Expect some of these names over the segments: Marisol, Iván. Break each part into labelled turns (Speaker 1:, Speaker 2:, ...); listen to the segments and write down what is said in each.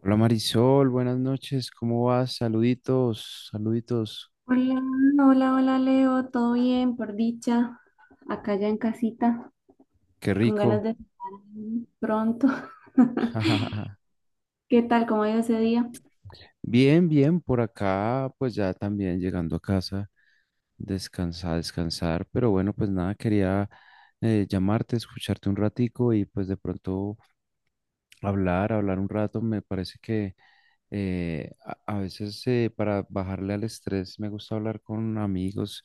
Speaker 1: Hola Marisol, buenas noches, ¿cómo vas? Saluditos, saluditos,
Speaker 2: Hola, hola, hola Leo, todo bien, por dicha, acá ya en casita,
Speaker 1: qué
Speaker 2: con ganas
Speaker 1: rico.
Speaker 2: de estar pronto. ¿Qué tal? ¿Cómo ha ido ese día?
Speaker 1: Bien, bien, por acá, pues ya también llegando a casa, descansar, descansar, pero bueno, pues nada, quería llamarte, escucharte un ratico y pues de pronto hablar un rato. Me parece que a veces, para bajarle al estrés, me gusta hablar con amigos,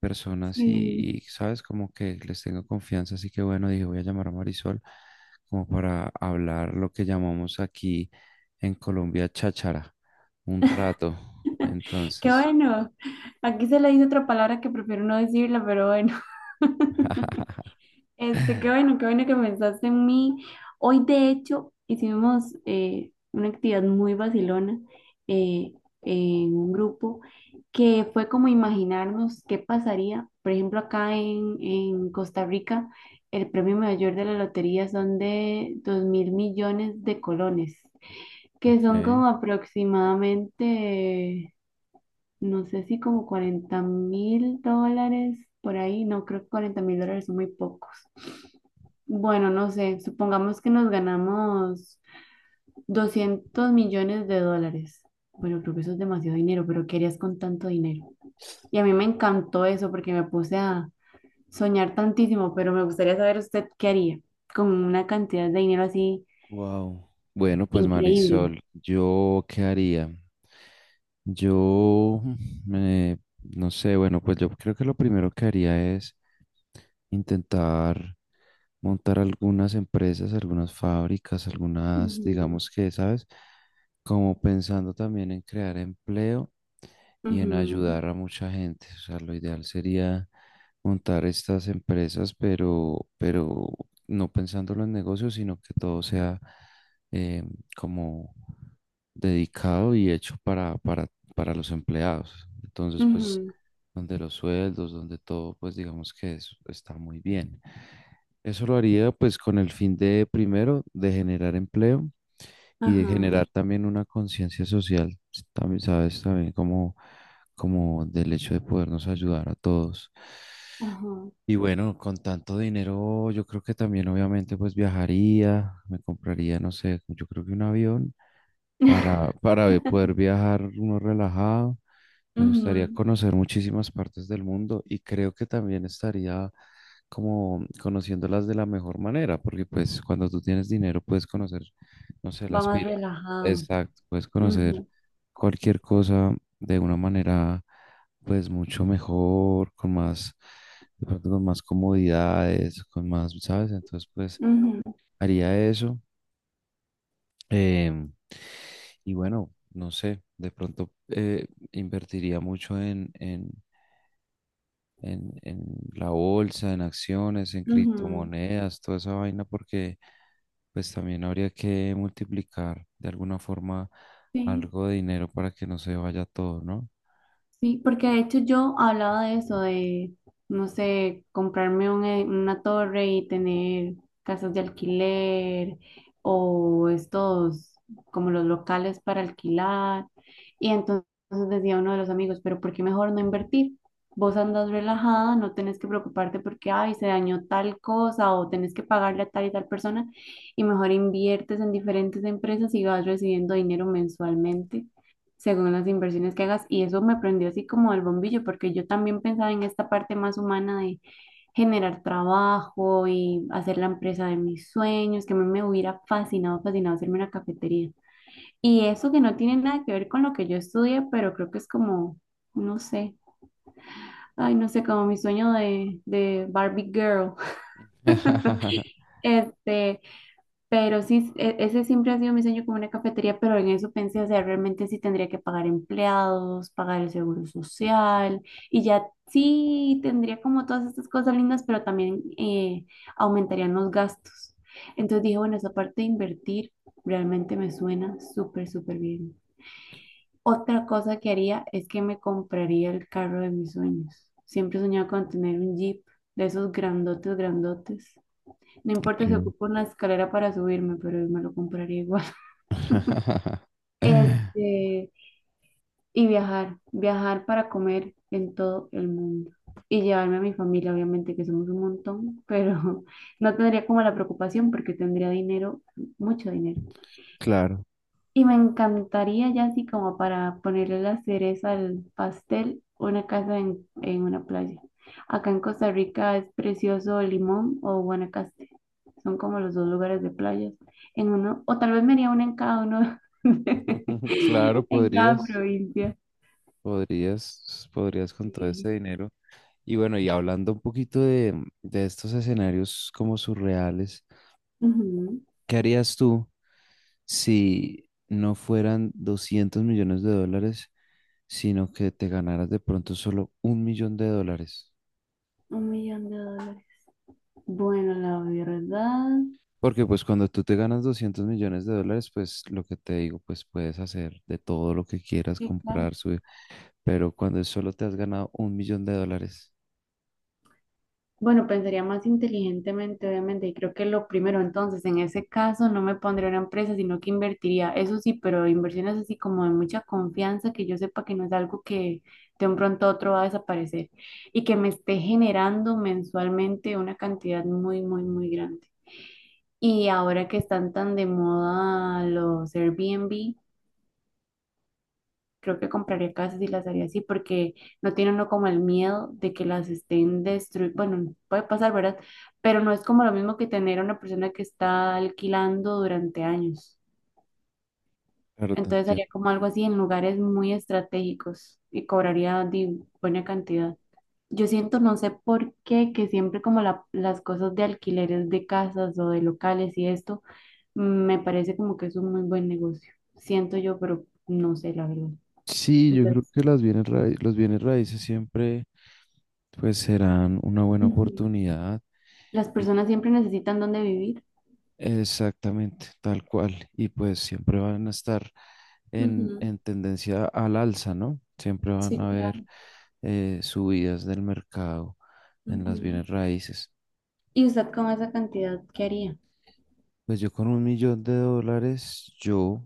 Speaker 1: personas y,
Speaker 2: Sí,
Speaker 1: sabes, como que les tengo confianza, así que bueno, dije, voy a llamar a Marisol como para hablar lo que llamamos aquí en Colombia cháchara, un rato.
Speaker 2: qué
Speaker 1: Entonces.
Speaker 2: bueno. Aquí se le dice otra palabra que prefiero no decirla, pero bueno. Este, qué bueno que pensaste en mí. Hoy, de hecho, hicimos una actividad muy vacilona eh, en un grupo que fue como imaginarnos qué pasaría. Por ejemplo, acá en Costa Rica, el premio mayor de la lotería son de 2.000 millones de colones, que son
Speaker 1: Ok,
Speaker 2: como aproximadamente no sé si como 40.000 dólares por ahí, no creo que 40.000 dólares son muy pocos. Bueno, no sé, supongamos que nos ganamos 200 millones de dólares. Bueno, creo que eso es demasiado dinero, pero ¿qué harías con tanto dinero? Y a mí me encantó eso porque me puse a soñar tantísimo, pero me gustaría saber usted qué haría con una cantidad de dinero así
Speaker 1: wow. Bueno, pues
Speaker 2: increíble.
Speaker 1: Marisol, ¿yo qué haría? Yo, mm, eh, no sé, bueno, pues yo creo que lo primero que haría es intentar montar algunas empresas, algunas fábricas, algunas,
Speaker 2: Ujú,
Speaker 1: digamos que, ¿sabes? Como pensando también en crear empleo y en
Speaker 2: ujú,
Speaker 1: ayudar a mucha gente. O sea, lo ideal sería montar estas empresas, pero no pensándolo en negocios, sino que todo sea eh, como dedicado y hecho para los empleados. Entonces, pues,
Speaker 2: ujú,
Speaker 1: donde los sueldos, donde todo, pues digamos que está muy bien. Eso lo haría pues con el fin de, primero, de generar empleo y de
Speaker 2: ajá,
Speaker 1: generar también una conciencia social, también, sabes, también como, como del hecho de podernos ayudar a todos.
Speaker 2: ajá.
Speaker 1: Y bueno, con tanto dinero, yo creo que también obviamente pues viajaría, me compraría, no sé, yo creo que un avión para, poder viajar uno relajado. Me gustaría
Speaker 2: Ujú,
Speaker 1: conocer muchísimas partes del mundo y creo que también estaría como conociéndolas de la mejor manera, porque pues cuando tú tienes dinero puedes conocer, no sé,
Speaker 2: va
Speaker 1: las
Speaker 2: más
Speaker 1: pirámides.
Speaker 2: relajado.
Speaker 1: Exacto, puedes conocer
Speaker 2: Ujú,
Speaker 1: cualquier cosa de una manera pues mucho mejor, con más, de pronto con más comodidades, con más, ¿sabes? Entonces pues
Speaker 2: ujú,
Speaker 1: haría eso. em, y bueno, no sé, de pronto invertiría mucho en la bolsa, en acciones, en
Speaker 2: ujú,
Speaker 1: criptomonedas, toda esa vaina, porque pues también habría que multiplicar de alguna forma
Speaker 2: sí.
Speaker 1: algo de dinero para que no se vaya todo, ¿no?
Speaker 2: Sí, porque de hecho yo hablaba de eso, de, no sé, comprarme una torre y tener casas de alquiler o estos, como los locales para alquilar. Y entonces decía uno de los amigos, pero ¿por qué mejor no invertir? Vos andas relajada, no tenés que preocuparte porque, ay, se dañó tal cosa o tenés que pagarle a tal y tal persona y mejor inviertes en diferentes empresas y vas recibiendo dinero mensualmente según las inversiones que hagas. Y eso me prendió así como el bombillo, porque yo también pensaba en esta parte más humana de generar trabajo y hacer la empresa de mis sueños, que a mí me hubiera fascinado, fascinado hacerme una cafetería. Y eso que no tiene nada que ver con lo que yo estudié, pero creo que es como, no sé, ay, no sé, como mi sueño de Barbie Girl. Este, pero sí, ese siempre ha sido mi sueño como una cafetería, pero en eso pensé, o sea, realmente sí tendría que pagar empleados, pagar el seguro social, y ya sí tendría como todas estas cosas lindas, pero también aumentarían los gastos. Entonces dije, bueno, esa parte de invertir realmente me suena súper, súper bien. Otra cosa que haría es que me compraría el carro de mis sueños. Siempre he soñado con tener un Jeep de esos grandotes, grandotes. No importa si
Speaker 1: Ok.
Speaker 2: ocupo una escalera para subirme, pero me lo compraría igual. Este, y viajar, viajar para comer en todo el mundo. Y llevarme a mi familia, obviamente, que somos un montón, pero no tendría como la preocupación porque tendría dinero, mucho dinero.
Speaker 1: Claro.
Speaker 2: Y me encantaría ya así como para ponerle la cereza al pastel, una casa en una playa. Acá en Costa Rica es precioso Limón o Guanacaste. Son como los dos lugares de playas. En uno, o tal vez me haría una en cada uno,
Speaker 1: Claro,
Speaker 2: en cada provincia.
Speaker 1: podrías con todo
Speaker 2: Sí,
Speaker 1: ese dinero. Y bueno, y hablando un poquito de estos escenarios como surreales,
Speaker 2: ujú.
Speaker 1: ¿qué harías tú si no fueran 200 millones de dólares, sino que te ganaras de pronto solo un millón de dólares?
Speaker 2: Un millón de dólares. Bueno, la verdad,
Speaker 1: Porque pues cuando tú te ganas 200 millones de dólares, pues lo que te digo, pues puedes hacer de todo lo que quieras,
Speaker 2: sí, claro.
Speaker 1: comprar, subir, pero cuando solo te has ganado un millón de dólares.
Speaker 2: Bueno, pensaría más inteligentemente, obviamente, y creo que lo primero, entonces, en ese caso no me pondría una empresa, sino que invertiría, eso sí, pero inversiones así como de mucha confianza, que yo sepa que no es algo que de un pronto a otro va a desaparecer y que me esté generando mensualmente una cantidad muy, muy, muy grande. Y ahora que están tan de moda los Airbnb, creo que compraría casas y las haría así porque no tiene uno como el miedo de que las estén destruyendo. Bueno, puede pasar, ¿verdad? Pero no es como lo mismo que tener a una persona que está alquilando durante años.
Speaker 1: Claro, te
Speaker 2: Entonces haría
Speaker 1: entiendo.
Speaker 2: como algo así en lugares muy estratégicos y cobraría buena cantidad. Yo siento, no sé por qué, que siempre como las cosas de alquileres de casas o de locales y esto, me parece como que es un muy buen negocio. Siento yo, pero no sé la verdad.
Speaker 1: Sí, yo creo
Speaker 2: Entonces,
Speaker 1: que los bienes raíces siempre pues serán una buena
Speaker 2: ujú.
Speaker 1: oportunidad.
Speaker 2: Las personas siempre necesitan dónde vivir.
Speaker 1: Exactamente, tal cual. Y pues siempre van a estar
Speaker 2: Ujú,
Speaker 1: en tendencia al alza, ¿no? Siempre van
Speaker 2: sí,
Speaker 1: a haber
Speaker 2: claro.
Speaker 1: subidas del mercado en las
Speaker 2: Ujú,
Speaker 1: bienes raíces.
Speaker 2: ¿y usted con esa cantidad qué haría?
Speaker 1: Pues yo con un millón de dólares, yo,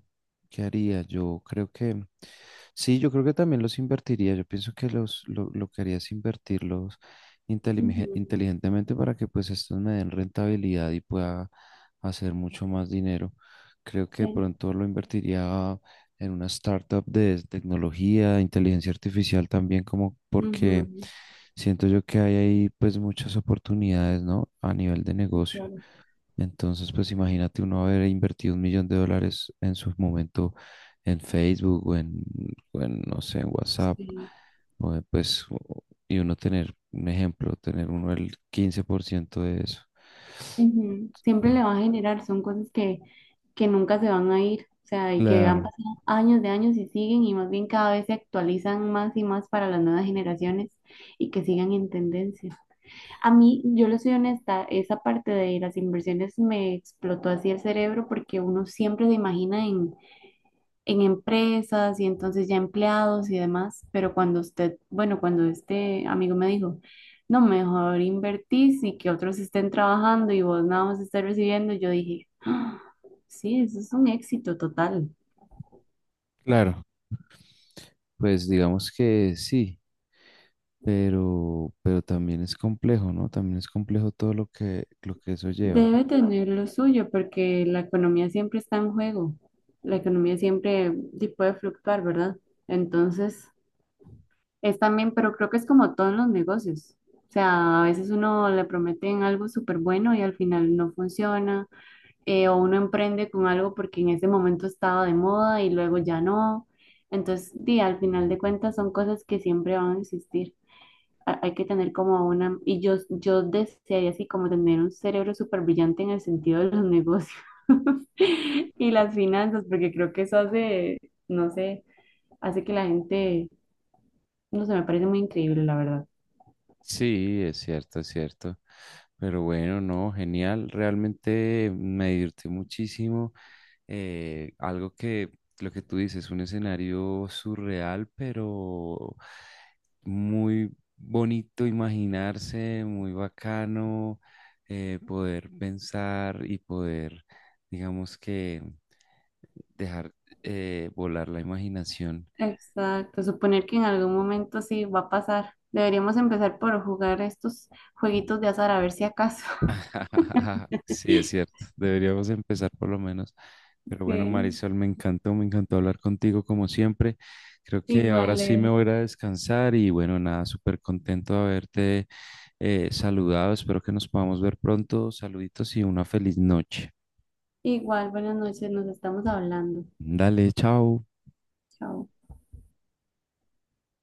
Speaker 1: ¿qué haría? Yo creo que, sí, yo creo que también los invertiría. Yo pienso que lo que haría es invertirlos
Speaker 2: Ujú,
Speaker 1: inteligentemente para que pues estos me den rentabilidad y pueda hacer mucho más dinero. Creo que de
Speaker 2: sí,
Speaker 1: pronto lo invertiría en una startup de tecnología, inteligencia artificial también, como porque
Speaker 2: ujú,
Speaker 1: siento yo que hay ahí pues muchas oportunidades, ¿no? A nivel de
Speaker 2: sí,
Speaker 1: negocio.
Speaker 2: claro.
Speaker 1: Entonces, pues imagínate uno haber invertido un millón de dólares en su momento en Facebook o en, no sé, en WhatsApp,
Speaker 2: Sí.
Speaker 1: o en, pues, o- y uno tener un ejemplo, tener uno el 15% de eso.
Speaker 2: Ujú. Siempre
Speaker 1: Pues,
Speaker 2: le va a generar, son cosas que nunca se van a ir, o sea, y que han
Speaker 1: claro,
Speaker 2: pasado años de años y siguen y más bien cada vez se actualizan más y más para las nuevas generaciones y que sigan en tendencia. A mí, yo le soy honesta, esa parte de las inversiones me explotó así el cerebro porque uno siempre se imagina en empresas y entonces ya empleados y demás, pero cuando usted, bueno, cuando este amigo me dijo, no, mejor invertís y que otros estén trabajando y vos nada más estés recibiendo, yo dije, "Ah, sí, eso es un éxito total".
Speaker 1: claro. Pues digamos que sí, pero también es complejo, ¿no? También es complejo todo lo que eso lleva.
Speaker 2: Debe tener lo suyo porque la economía siempre está en juego, la economía siempre puede fluctuar, ¿verdad? Entonces, es también, pero creo que es como todo en los negocios. O sea, a veces uno le prometen algo súper bueno y al final no funciona. O uno emprende con algo porque en ese momento estaba de moda y luego ya no. Entonces, di, al final de cuentas son cosas que siempre van a existir. Hay que tener como una, y yo desearía así como tener un cerebro súper brillante en el sentido de los negocios y las finanzas, porque creo que eso hace, no sé, hace que la gente, no sé, me parece muy increíble, la verdad.
Speaker 1: Sí, es cierto, es cierto. Pero bueno, no, genial. Realmente me divertí muchísimo. Eh, algo que, lo que tú dices, un escenario surreal, pero muy bonito imaginarse, muy bacano, poder pensar y poder, digamos que, dejar, volar la imaginación.
Speaker 2: Exacto, suponer que en algún momento sí va a pasar. Deberíamos empezar por jugar estos jueguitos de azar a ver si acaso.
Speaker 1: Sí, es cierto. Deberíamos empezar por lo menos. Pero bueno,
Speaker 2: Sí,
Speaker 1: Marisol, me encantó hablar contigo como siempre. Creo que ahora
Speaker 2: igual,
Speaker 1: sí me
Speaker 2: Leo.
Speaker 1: voy a ir a descansar y bueno, nada, súper contento de haberte saludado. Espero que nos podamos ver pronto. Saluditos y una feliz noche.
Speaker 2: Igual, buenas noches, nos estamos hablando.
Speaker 1: Dale, chao.
Speaker 2: Chao.